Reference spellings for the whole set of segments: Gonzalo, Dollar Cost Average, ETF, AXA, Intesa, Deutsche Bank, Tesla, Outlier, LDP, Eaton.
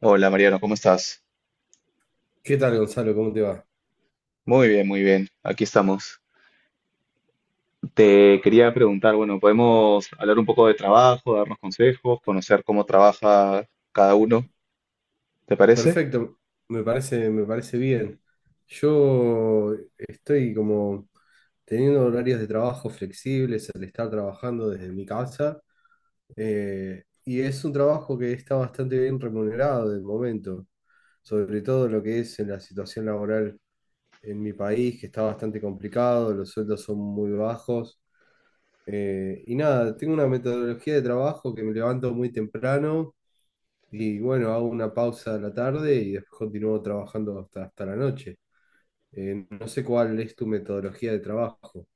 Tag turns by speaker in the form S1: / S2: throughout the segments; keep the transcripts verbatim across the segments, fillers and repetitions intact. S1: Hola Mariano, ¿cómo estás?
S2: ¿Qué tal, Gonzalo? ¿Cómo te va?
S1: Muy bien, muy bien. Aquí estamos. Te quería preguntar, bueno, podemos hablar un poco de trabajo, darnos consejos, conocer cómo trabaja cada uno, ¿te parece?
S2: Perfecto, me parece, me parece bien. Yo estoy como teniendo horarios de trabajo flexibles al estar trabajando desde mi casa, eh, y es un trabajo que está bastante bien remunerado de momento, sobre todo lo que es en la situación laboral en mi país, que está bastante complicado, los sueldos son muy bajos. Eh, y nada, tengo una metodología de trabajo que me levanto muy temprano. Y bueno, hago una pausa a la tarde y después continúo trabajando hasta, hasta la noche. Eh, no sé cuál es tu metodología de trabajo.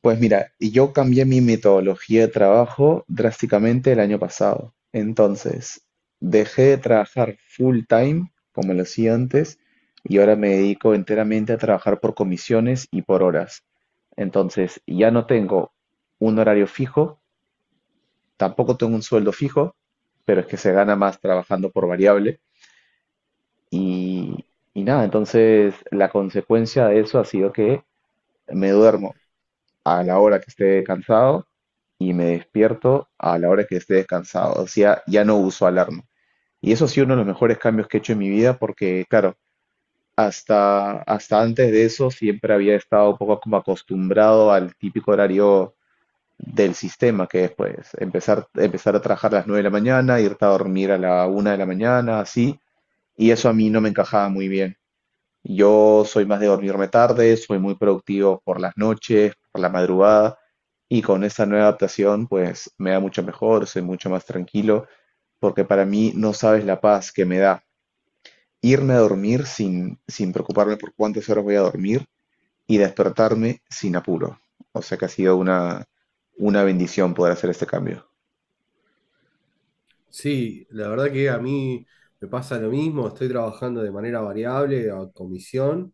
S1: Pues mira, y yo cambié mi metodología de trabajo drásticamente el año pasado. Entonces, dejé de trabajar full time, como lo hacía antes, y ahora me dedico enteramente a trabajar por comisiones y por horas. Entonces, ya no tengo un horario fijo, tampoco tengo un sueldo fijo, pero es que se gana más trabajando por variable. Y, y nada, entonces la consecuencia de eso ha sido que me duermo a la hora que esté cansado y me despierto a la hora que esté descansado. O sea, ya no uso alarma. Y eso ha sido uno de los mejores cambios que he hecho en mi vida porque, claro, hasta, hasta antes de eso siempre había estado un poco como acostumbrado al típico horario del sistema que es, pues, empezar, empezar a trabajar a las nueve de la mañana, irte a dormir a la una de la mañana, así, y eso a mí no me encajaba muy bien. Yo soy más de dormirme tarde, soy muy productivo por las noches, por la madrugada, y con esta nueva adaptación, pues, me da mucho mejor, soy mucho más tranquilo, porque para mí no sabes la paz que me da irme a dormir sin, sin preocuparme por cuántas horas voy a dormir y despertarme sin apuro. O sea que ha sido una, una bendición poder hacer este cambio.
S2: Sí, la verdad que a mí me pasa lo mismo, estoy trabajando de manera variable, a comisión.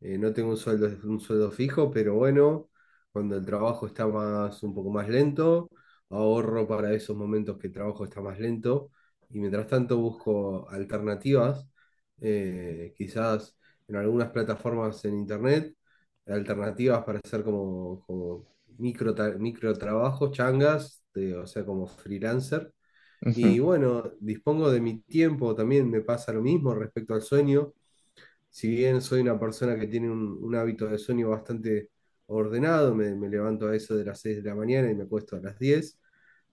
S2: Eh, no tengo un sueldo, un sueldo fijo, pero bueno, cuando el trabajo está más, un poco más lento, ahorro para esos momentos que el trabajo está más lento y mientras tanto busco alternativas, eh, quizás en algunas plataformas en internet, alternativas para hacer como, como micro, tra- micro trabajos, changas, de- o sea, como freelancer. Y
S1: Ujú.
S2: bueno, dispongo de mi tiempo, también me pasa lo mismo respecto al sueño. Si bien soy una persona que tiene un, un hábito de sueño bastante ordenado, me, me levanto a eso de las seis de la mañana y me acuesto a las diez,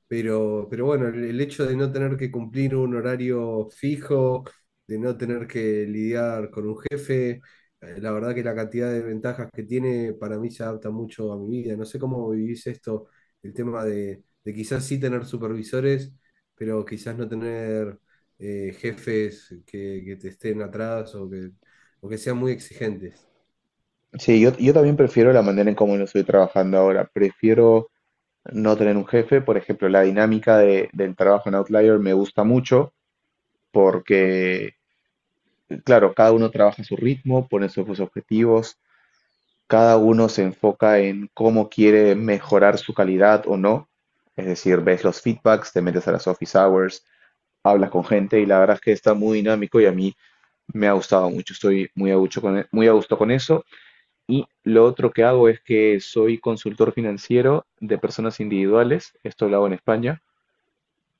S2: pero, pero bueno, el el hecho de no tener que cumplir un horario fijo, de no tener que lidiar con un jefe, eh, la verdad que la cantidad de ventajas que tiene para mí se adapta mucho a mi vida. No sé cómo vivís esto, el tema de, de quizás sí tener supervisores, pero quizás no tener, eh, jefes que, que te estén atrás, o que, o que sean muy exigentes.
S1: Sí, yo, yo también prefiero la manera en cómo lo estoy trabajando ahora. Prefiero no tener un jefe. Por ejemplo, la dinámica de- del trabajo en Outlier me gusta mucho porque, claro, cada uno trabaja a su ritmo, pone sus objetivos, cada uno se enfoca en cómo quiere mejorar su calidad o no. Es decir, ves los feedbacks, te metes a las office hours, hablas con gente y la verdad es que está muy dinámico y a mí me ha gustado mucho. Estoy muy a gusto con, e, muy a gusto con eso. Y lo otro que hago es que soy consultor financiero de personas individuales, esto lo hago en España,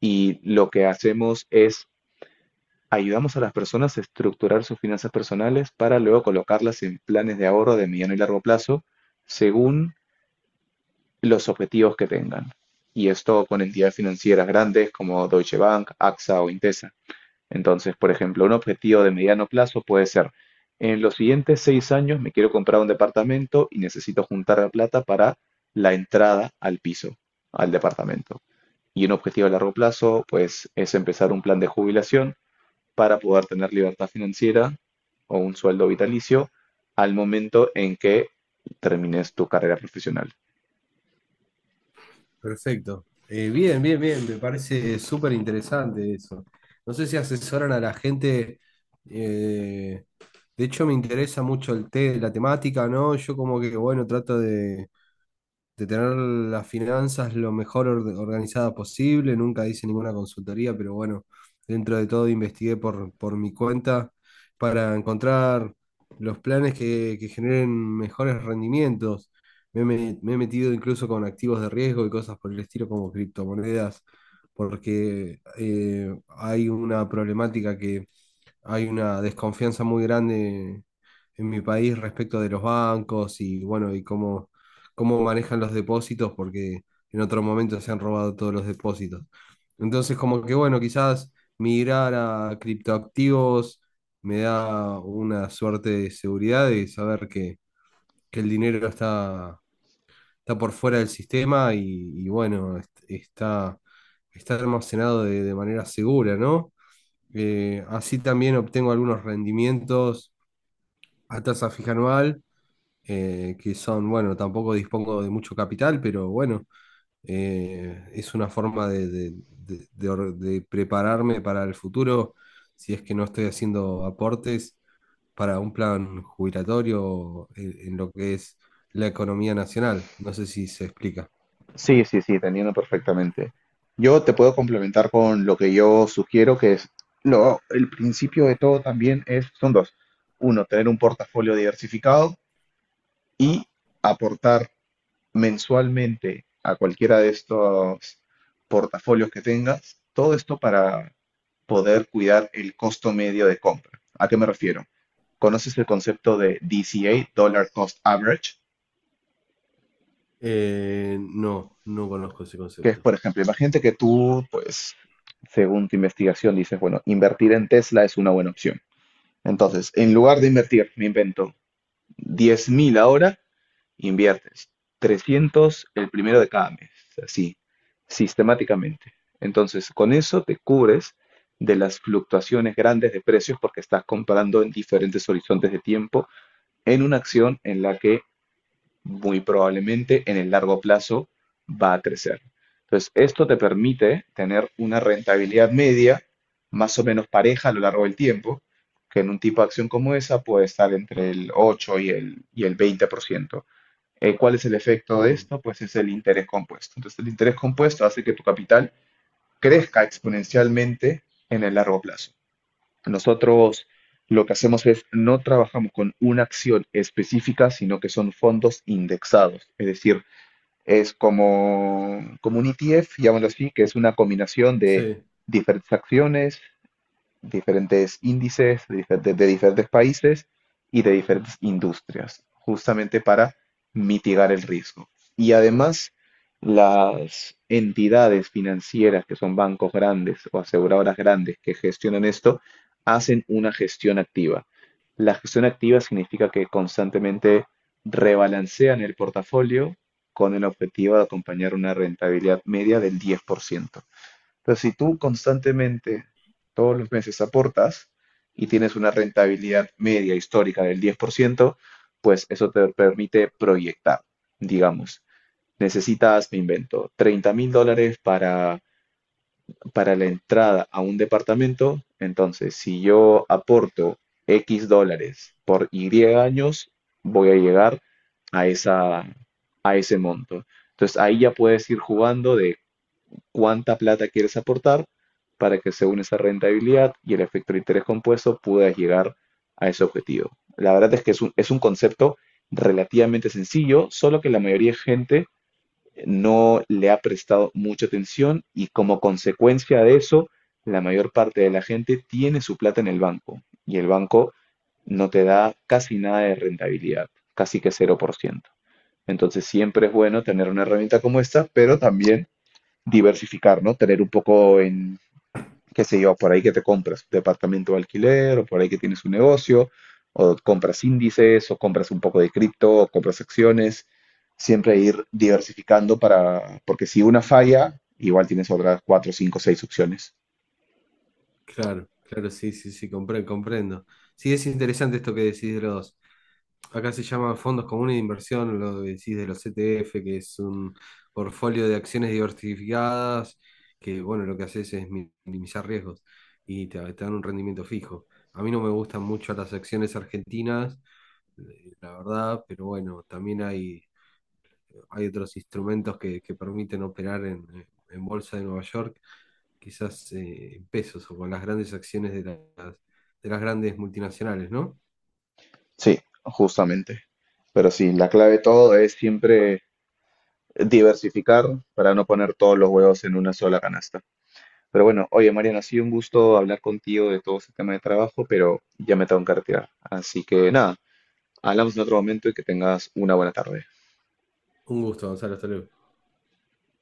S1: y lo que hacemos es ayudamos a las personas a estructurar sus finanzas personales para luego colocarlas en planes de ahorro de mediano y largo plazo según los objetivos que tengan. Y esto con entidades financieras grandes como Deutsche Bank, A X A o Intesa. Entonces, por ejemplo, un objetivo de mediano plazo puede ser, en los siguientes seis años me quiero comprar un departamento y necesito juntar la plata para la entrada al piso, al departamento. Y un objetivo a largo plazo, pues, es empezar un plan de jubilación para poder tener libertad financiera o un sueldo vitalicio al momento en que termines tu carrera profesional.
S2: Perfecto. Eh, bien, bien, bien, me parece súper interesante eso. No sé si asesoran a la gente, eh, de hecho me interesa mucho el té, la temática, ¿no? Yo como que, bueno, trato de, de tener las finanzas lo mejor orde- organizada posible. Nunca hice ninguna consultoría, pero bueno, dentro de todo investigué por, por mi cuenta para encontrar los planes que, que generen mejores rendimientos. Me, he me- me he metido incluso con activos de riesgo y cosas por el estilo como criptomonedas, porque eh, hay una problemática, hay una desconfianza muy grande en mi país respecto de los bancos y bueno, y cómo, cómo manejan los depósitos, porque en otro momento se han robado todos los depósitos. Entonces, como que bueno, quizás migrar a criptoactivos me da una suerte de seguridad de saber que, que el dinero está, está por fuera del sistema y, y bueno, est- está, está almacenado de, de manera segura, ¿no? Eh, así también obtengo algunos rendimientos a tasa fija anual, eh, que son, bueno, tampoco dispongo de mucho capital, pero bueno, eh, es una forma de, de- de- de or- de prepararme para el futuro, si es que no estoy haciendo aportes para un plan jubilatorio en, en lo que es la economía nacional. No sé si se explica.
S1: Sí, sí, sí, te entiendo perfectamente. Yo te puedo complementar con lo que yo sugiero, que es lo, el principio de todo. También es, son dos. Uno, tener un portafolio diversificado y aportar mensualmente a cualquiera de estos portafolios que tengas, todo esto para poder cuidar el costo medio de compra. ¿A qué me refiero? ¿Conoces el concepto de D C A, Dollar Cost Average?
S2: Eh, no, no conozco ese
S1: Que es,
S2: concepto.
S1: por ejemplo, imagínate que tú, pues, según tu investigación, dices, bueno, invertir en Tesla es una buena opción. Entonces, en lugar de invertir, me invento diez mil ahora, inviertes trescientos el primero de cada mes, así, sistemáticamente. Entonces, con eso te cubres de las fluctuaciones grandes de precios porque estás comprando en diferentes horizontes de tiempo en una acción en la que muy probablemente en el largo plazo va a crecer. Entonces, esto te permite tener una rentabilidad media más o menos pareja a lo largo del tiempo, que en un tipo de acción como esa puede estar entre el ocho y el, y el veinte por ciento. Eh, ¿cuál es el efecto de
S2: Mm,
S1: esto? Pues es el interés compuesto. Entonces, el interés compuesto hace que tu capital crezca exponencialmente en el largo plazo. Nosotros lo que hacemos es no trabajamos con una acción específica, sino que son fondos indexados. Es decir, es como, como un E T F, llamémoslo así, que es una combinación de
S2: sí.
S1: diferentes acciones, diferentes índices de diferentes, de diferentes países y de diferentes industrias, justamente para mitigar el riesgo. Y además, las entidades financieras, que son bancos grandes o aseguradoras grandes que gestionan esto, hacen una gestión activa. La gestión activa significa que constantemente rebalancean el portafolio con el objetivo de acompañar una rentabilidad media del diez por ciento. Entonces, si tú constantemente, todos los meses aportas y tienes una rentabilidad media histórica del diez por ciento, pues eso te permite proyectar, digamos. Necesitas, me invento, treinta mil dólares para, para, la entrada a un departamento. Entonces, si yo aporto X dólares por Y años, voy a llegar a esa, a ese monto. Entonces ahí ya puedes ir jugando de cuánta plata quieres aportar para que según esa rentabilidad y el efecto de interés compuesto puedas llegar a ese objetivo. La verdad es que es un, es un concepto relativamente sencillo, solo que la mayoría de gente no le ha prestado mucha atención y como consecuencia de eso, la mayor parte de la gente tiene su plata en el banco y el banco no te da casi nada de rentabilidad, casi que cero por ciento. Entonces siempre es bueno tener una herramienta como esta, pero también diversificar, ¿no? Tener un poco en, qué sé yo, por ahí que te compras un departamento de alquiler, o por ahí que tienes un negocio, o compras índices, o compras un poco de cripto, o compras acciones. Siempre ir diversificando para, porque si una falla, igual tienes otras cuatro, cinco, seis opciones.
S2: Claro, claro, sí, sí, sí, compre- comprendo. Sí, es interesante esto que decís de los, acá se llaman fondos comunes de inversión, lo que decís de los ETF, que es un portfolio de acciones diversificadas, que bueno, lo que haces es mi- minimizar riesgos y te, te dan un rendimiento fijo. A mí no me gustan mucho las acciones argentinas, eh, la verdad, pero bueno, también hay, hay otros instrumentos que, que permiten operar en, en Bolsa de Nueva York, quizás eh, en pesos o con las grandes acciones de las, de las grandes multinacionales, ¿no?
S1: Sí, justamente. Pero sí, la clave de todo es siempre diversificar para no poner todos los huevos en una sola canasta. Pero bueno, oye Mariano, ha sido un gusto hablar contigo de todo este tema de trabajo, pero ya me tengo que retirar. Así que nada, hablamos en otro momento y que tengas una buena tarde.
S2: Un gusto, Gonzalo, hasta luego.